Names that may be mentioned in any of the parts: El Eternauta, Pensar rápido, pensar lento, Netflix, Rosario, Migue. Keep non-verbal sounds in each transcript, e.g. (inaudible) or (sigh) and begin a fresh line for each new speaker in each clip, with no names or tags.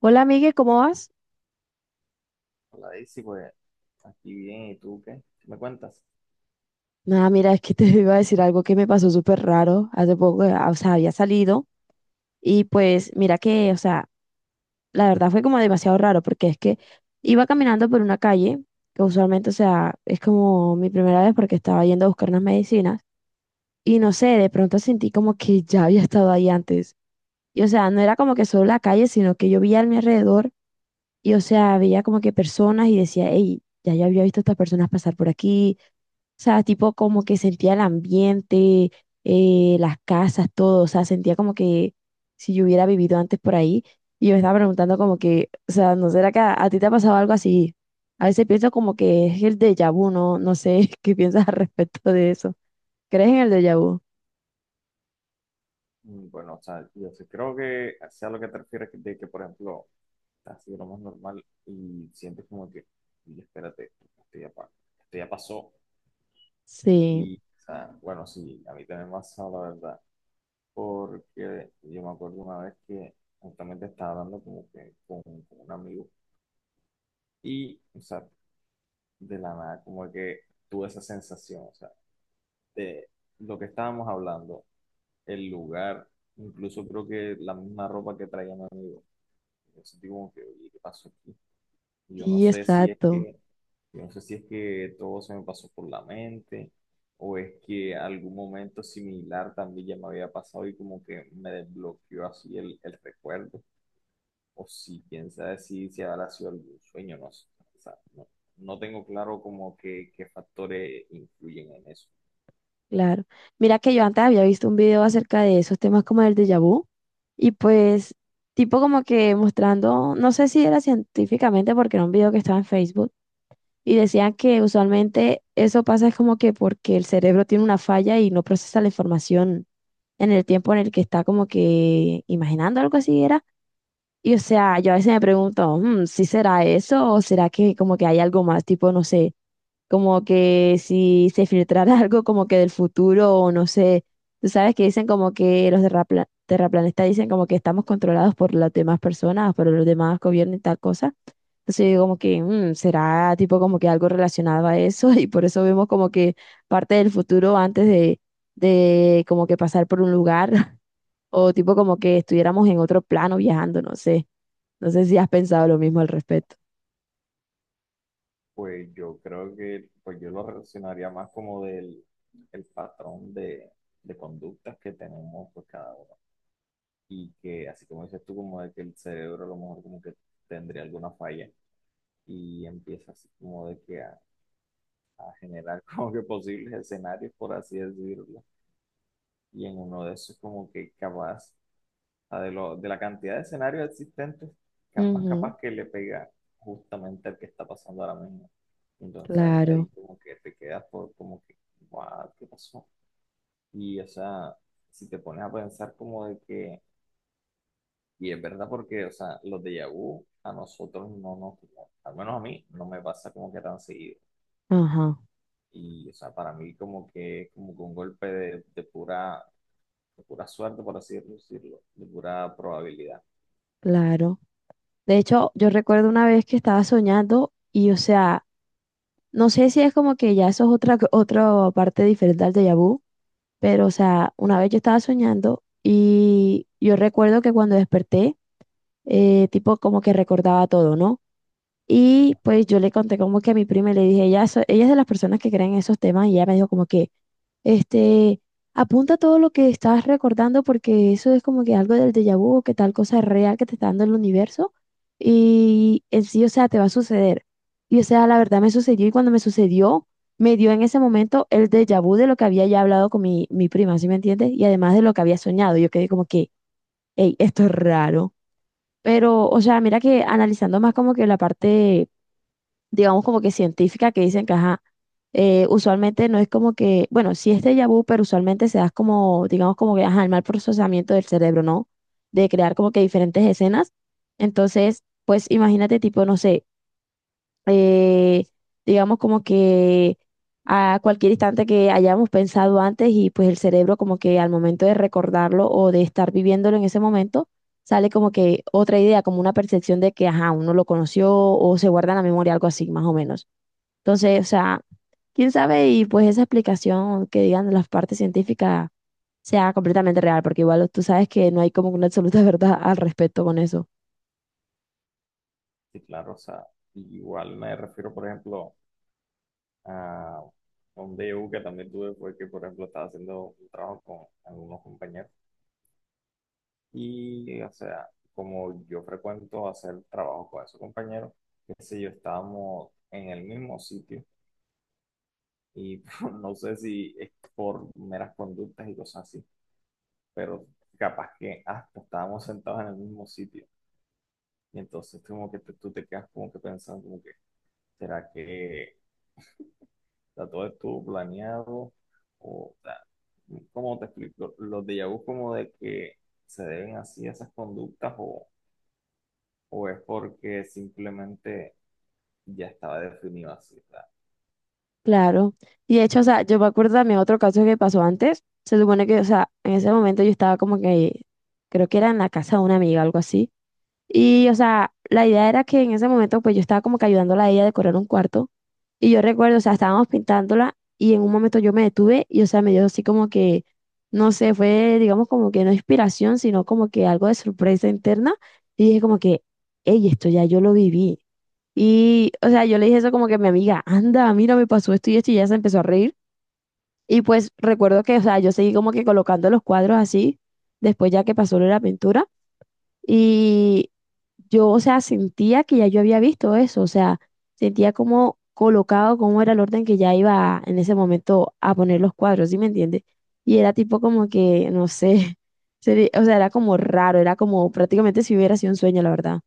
Hola, Migue, ¿cómo vas?
Hola Daisy, pues aquí bien, ¿y tú qué? ¿Qué me cuentas?
Nada, mira, es que te (laughs) iba a decir algo que me pasó súper raro hace poco, o sea, había salido y pues mira que, o sea, la verdad fue como demasiado raro porque es que iba caminando por una calle, que usualmente, o sea, es como mi primera vez porque estaba yendo a buscar unas medicinas y no sé, de pronto sentí como que (laughs) ya había estado ahí antes. Y o sea, no era como que solo la calle, sino que yo veía a mi alrededor y o sea, veía como que personas y decía, hey, ya yo había visto a estas personas pasar por aquí. O sea, tipo como que sentía el ambiente, las casas, todo. O sea, sentía como que si yo hubiera vivido antes por ahí. Y yo me estaba preguntando como que, o sea, ¿no será que a ti te ha pasado algo así? A veces pienso como que es el déjà vu, ¿no? No sé (laughs) qué piensas al respecto de eso. ¿Crees en el déjà vu?
Bueno, o sea, yo sí creo que sea lo que te refieres de que, por ejemplo, estás así lo más normal y sientes como que, y espérate, esto ya, esto ya pasó.
Sí,
Y, o sea, bueno, sí, a mí también me ha pasado, la verdad, porque yo me acuerdo una vez que justamente estaba hablando como que con un amigo y, o sea, de la nada, como que tuve esa sensación, o sea, de lo que estábamos hablando, el lugar, incluso creo que la misma ropa que traía mi amigo. Yo sentí como que, oye, ¿qué pasó aquí? Y
sí, exacto.
yo no sé si es que todo se me pasó por la mente o es que algún momento similar también ya me había pasado y como que me desbloqueó así el recuerdo. O si, quién sabe si habrá sido algún sueño, no sé. O sea, no, no tengo claro como que qué factores influyen en eso.
Claro. Mira que yo antes había visto un video acerca de esos temas como el déjà vu y pues tipo como que mostrando, no sé si era científicamente porque era un video que estaba en Facebook y decían que usualmente eso pasa es como que porque el cerebro tiene una falla y no procesa la información en el tiempo en el que está como que imaginando algo así era. Y o sea, yo a veces me pregunto, "Mm, ¿si será eso o será que como que hay algo más? Tipo, no sé como que si se filtrara (laughs) algo como que del futuro o no sé, tú sabes que dicen como que los terraplanistas dicen como que estamos controlados por las demás personas, por los demás gobiernos y tal cosa. Entonces yo digo como que será tipo como que algo relacionado a eso (laughs) y por eso vemos como que parte del futuro antes de como que pasar por un lugar (laughs) o tipo como que estuviéramos en otro plano viajando, no sé. No sé si has pensado lo mismo al respecto.
Pues yo creo que pues yo lo relacionaría más como del el patrón de conductas que tenemos pues cada uno. Y que así como dices tú, como de que el cerebro a lo mejor como que tendría alguna falla y empieza así como de que a generar (laughs) como que posibles escenarios, por así decirlo. Y en uno de esos como que capaz sea, de la cantidad de escenarios existentes, capaz,
Ujú,
capaz que le pega justamente al que está pasando ahora mismo. Entonces
claro.
ahí como que te quedas por como que, "Guau, ¿qué pasó?" Y o sea, si te pones a pensar como de que, y es verdad porque, o sea, los de vu a nosotros no nos, al menos a mí, no me pasa como que tan seguido.
Ajá.
Y o sea, para mí como que es como que un golpe de pura suerte, por así decirlo, de pura probabilidad.
Claro. De hecho, yo recuerdo una vez que estaba soñando y, o sea, no sé si es como que ya eso es otra parte diferente al déjà vu, pero, o sea, una vez yo estaba soñando y yo recuerdo que cuando desperté, tipo como que recordaba todo, ¿no? Y pues yo le conté como que a mi prima y le dije, ella es de las personas que creen en esos temas y ella me dijo como que... Este, apunta todo lo que estás recordando porque eso es como que algo del déjà vu o que tal cosa es real que te está dando el universo y en sí, o sea, te va a suceder. Y o sea, la verdad me sucedió y cuando me sucedió, me dio en ese momento el déjà vu de lo que había ya hablado con mi prima, ¿sí me entiendes? Y además de lo que había soñado, yo quedé como que, hey, esto es raro. Pero, o sea, mira que analizando más como que la parte digamos como que científica, que dicen que, ajá, usualmente no es como que, bueno, sí es déjà vu, pero usualmente se da como, digamos como que, ajá, el mal procesamiento del cerebro, ¿no? De crear como que diferentes escenas. Entonces, pues imagínate tipo, no sé, eh, digamos como que a cualquier instante que hayamos pensado antes y pues el cerebro como que al momento de recordarlo o de estar viviéndolo en ese momento, sale como que otra idea, como una percepción de que, ajá, uno lo conoció o se guarda en la memoria, algo así, más o menos. Entonces, o sea, quién sabe y pues esa explicación que digan de las partes científicas sea completamente real, porque igual tú sabes que no hay como una absoluta (laughs) verdad al respecto con eso.
Sí, claro, o sea, igual me refiero, por ejemplo, a un DU que también tuve, fue que, por ejemplo, estaba haciendo un trabajo con algunos compañeros y, o sea, como yo frecuento hacer trabajo con esos compañeros, qué sé yo, estábamos en el mismo sitio y (laughs) no sé si es por meras conductas y cosas así, pero capaz que hasta estábamos sentados en el mismo sitio y entonces como que tú te quedas como que pensando como que, ¿será que sea, todo estuvo planeado, o, sea, ¿cómo te explico? ¿Los déjà vu como de que se deben así a esas conductas o es porque simplemente ya estaba definido así? O sea,
Claro. Y de hecho, o sea, yo me acuerdo también otro caso que pasó antes. Se supone que, o sea, en ese momento yo estaba como que, creo que era en la casa de una amiga, algo así. Y, o sea, la idea era que en ese momento, pues yo estaba como que ayudándola a ella a decorar un cuarto. Y yo recuerdo, o sea, estábamos pintándola y en un momento yo me detuve y, o sea, me dio así como que, no sé, fue, digamos, como que no inspiración, sino como que algo de sorpresa interna. Y dije como que, hey, esto ya yo lo viví. Y, o sea, yo le dije eso como que a mi amiga, anda, mira, me pasó esto y esto y ella se empezó a reír. Y pues recuerdo que, o sea, yo seguí como que colocando los cuadros así, después ya que pasó lo de la pintura. Y yo, o sea, sentía que ya yo había visto eso, o sea, sentía como colocado cómo era el orden que ya iba en ese momento a poner los cuadros, ¿sí me entiendes? Y era tipo como que, no sé, (laughs) o sea, era como raro, era como prácticamente si hubiera sido un sueño, la verdad.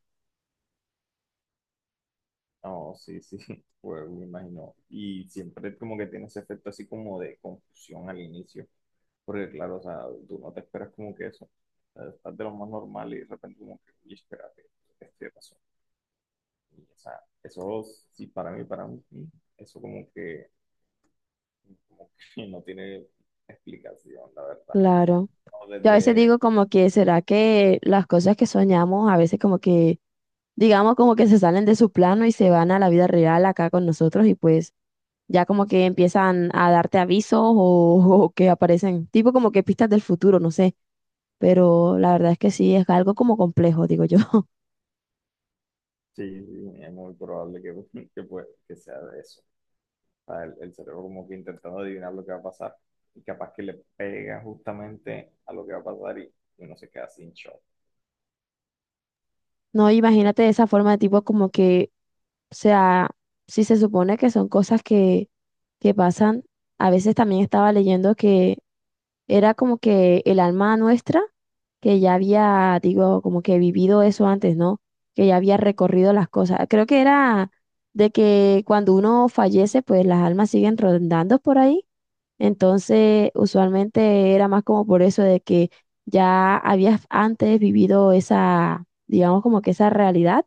no, sí, sí, (laughs) pues me imagino. Y siempre como que tiene ese efecto así como de confusión al inicio, porque claro, o sea, tú no te esperas como que eso, o sea, estás de lo más normal y de repente como que, "Uy, espérate, este pasó." Y, o sea, eso sí, para mí, eso como que no tiene explicación, la verdad.
Claro.
No,
Yo a veces digo como que, ¿será que las cosas que soñamos a veces como que, digamos como que se salen de su plano y se van a la vida real acá con nosotros y pues ya como que empiezan a darte avisos o, (laughs) o que aparecen, tipo como que pistas del futuro, no sé, pero la verdad es que sí, es algo como complejo, digo yo. (laughs)
sí, sí, es muy probable (laughs) que sea de eso. O sea, el cerebro como que intentando adivinar lo que va a pasar y capaz que le pega justamente a lo que va a pasar y uno se queda sin shock.
No, imagínate esa forma de tipo como que, o sea, si se supone que son cosas que pasan, a veces también estaba leyendo que era como que el alma nuestra, que ya había, digo, como que vivido eso antes, ¿no? Que ya había recorrido las cosas. Creo que era de que cuando uno fallece, pues las almas siguen rondando por ahí entonces, usualmente era más como por eso de que ya habías antes vivido esa, digamos como que esa realidad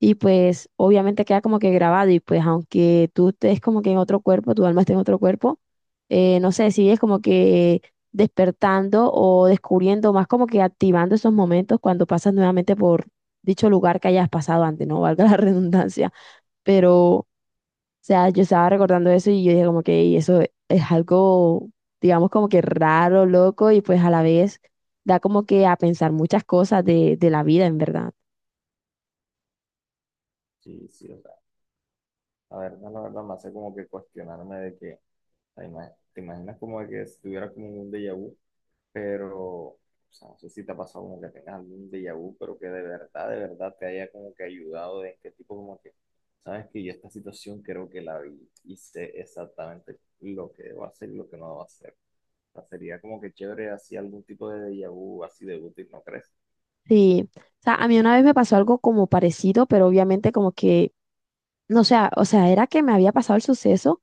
y pues obviamente queda como que grabado y pues aunque tú estés como que en otro cuerpo, tu alma esté en otro cuerpo, no sé, sigues como que despertando o descubriendo, más como que activando esos momentos cuando pasas nuevamente por dicho lugar que hayas pasado antes, ¿no? Valga la (laughs) redundancia, pero sea, yo estaba recordando eso y yo dije como que "Ey, eso es algo, digamos, como que raro, loco, y pues a la vez da como que a pensar muchas cosas de, la vida, en verdad.
Sí, sí, o sea, la verdad me hace como que cuestionarme de que, o sea, te imaginas como de que estuviera como un déjà vu, pero o sea, no sé si te ha pasado como que tengas algún déjà vu, pero que de verdad te haya como que ayudado de este tipo, como que, sabes que yo esta situación creo que la vi y sé exactamente lo que debo hacer y lo que no debo hacer. O sea, sería como que chévere así algún tipo de déjà vu así de útil, ¿no crees?
Sí, o sea, a mí una vez me pasó algo como parecido, pero obviamente como que, no sé, o sea, era que me había pasado el suceso.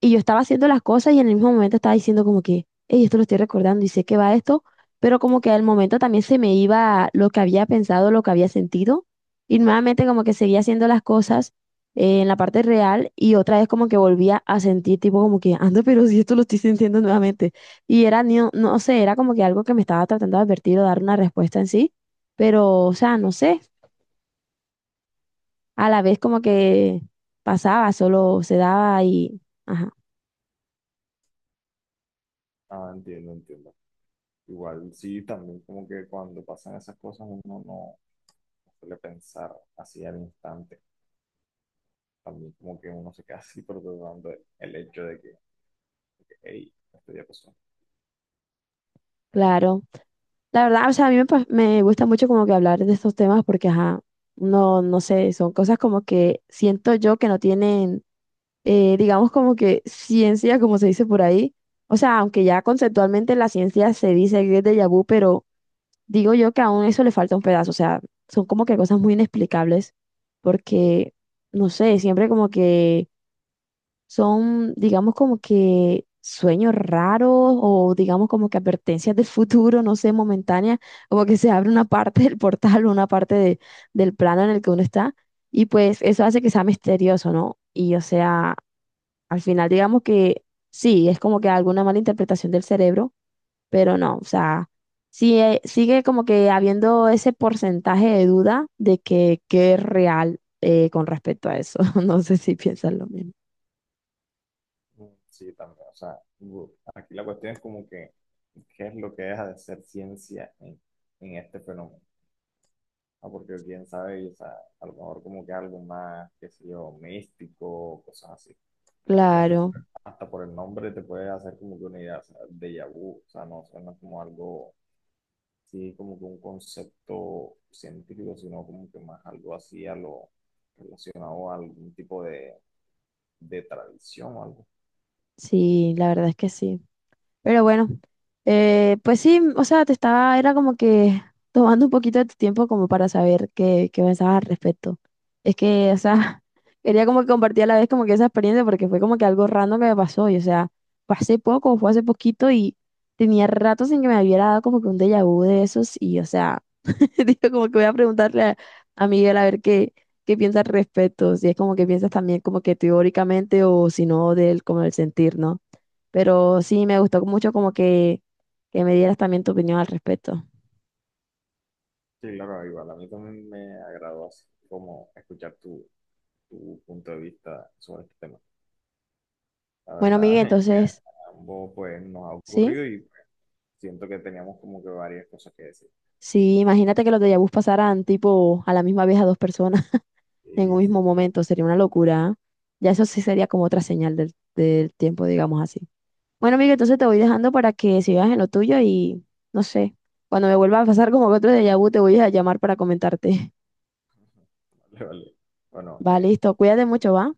Y yo estaba haciendo las cosas y en el mismo momento estaba diciendo como que, hey, esto lo estoy recordando y sé que va esto, pero como que al momento también se me iba lo que había pensado, lo que había sentido, y nuevamente como que seguía haciendo las cosas en la parte real y otra vez como que volvía a sentir tipo como que, anda, pero si esto lo estoy sintiendo nuevamente. Y era, no, no sé, era como que algo que me estaba tratando de advertir o dar una respuesta en sí, pero, o sea, no sé, a la vez como que pasaba, solo se daba y, ajá,
Ah, entiendo, entiendo. Igual sí, también como que cuando pasan esas cosas uno no suele pensar así al instante. También como que uno se queda así procesando el hecho de que, hey, esto ya pasó.
claro. La verdad, o sea, a mí me gusta mucho como que hablar de estos temas porque, ajá, no, no sé, son cosas como que siento yo que no tienen, digamos como que ciencia, como se dice por ahí. O sea, aunque ya conceptualmente la ciencia se dice que es déjà vu, pero digo yo que aún eso le falta un pedazo. O sea, son como que cosas muy inexplicables porque, no sé, siempre como que son, digamos, como que sueños raros o digamos como que advertencias del futuro, no sé, momentáneas, como que se abre una parte del portal (laughs) o una parte del plano en el que uno está y pues eso hace que sea misterioso, ¿no? Y o sea, al final digamos que sí, es como que alguna mala interpretación del cerebro, pero no, o sea, sigue, sigue como que habiendo ese porcentaje de duda de que es real con respecto a eso. (laughs) No sé si piensan lo mismo.
Sí, también. O sea, aquí la cuestión es como que, ¿qué es lo que deja de ser ciencia en este fenómeno? Ah, porque quién sabe, y, o sea, a lo mejor como que algo más, qué sé yo, místico, cosas así. Porque hasta,
Claro.
hasta por el nombre te puede hacer como que una idea, o sea, déjà vu, o sea, no suena como algo, sí, como que un concepto científico, sino como que más algo así a lo relacionado a algún tipo de tradición o algo.
Sí, la verdad es que sí. Pero bueno, pues sí, o sea, era como que tomando un poquito de tu tiempo como para saber qué pensabas al respecto. Es que, o sea, (laughs) quería como que compartir a la vez como que esa experiencia porque fue como que algo random que me pasó y, o sea, fue hace poco, fue hace poquito y tenía rato sin que me hubiera dado como que un déjà vu de esos y, o sea, (laughs) digo como que voy a preguntarle a, Miguel a ver qué piensa al respecto, si es como que piensas también como que teóricamente o si no del, como el sentir, ¿no? Pero sí, me gustó mucho como que me dieras también tu opinión al respecto.
Sí, claro, igual a mí también me agradó así como escuchar tu punto de vista sobre este tema. La
Bueno, Miguel,
verdad, (laughs)
entonces,
a ambos pues nos ha
¿sí?
ocurrido y pues, siento que teníamos como que varias cosas que decir.
Sí, imagínate que los déjà vus pasaran tipo a la misma vez a dos personas (laughs) en un
Sí,
mismo
sí,
momento, sería una locura. ¿Eh? Ya eso sí sería como otra señal del, tiempo, digamos así. Bueno, Miguel, entonces te voy dejando para que sigas en lo tuyo y no sé, cuando me vuelva a pasar como que otro déjà vu te voy a llamar para comentarte.
(laughs) vale, vale. Bueno,
(laughs) Va,
eh,
listo, cuídate mucho, ¿va?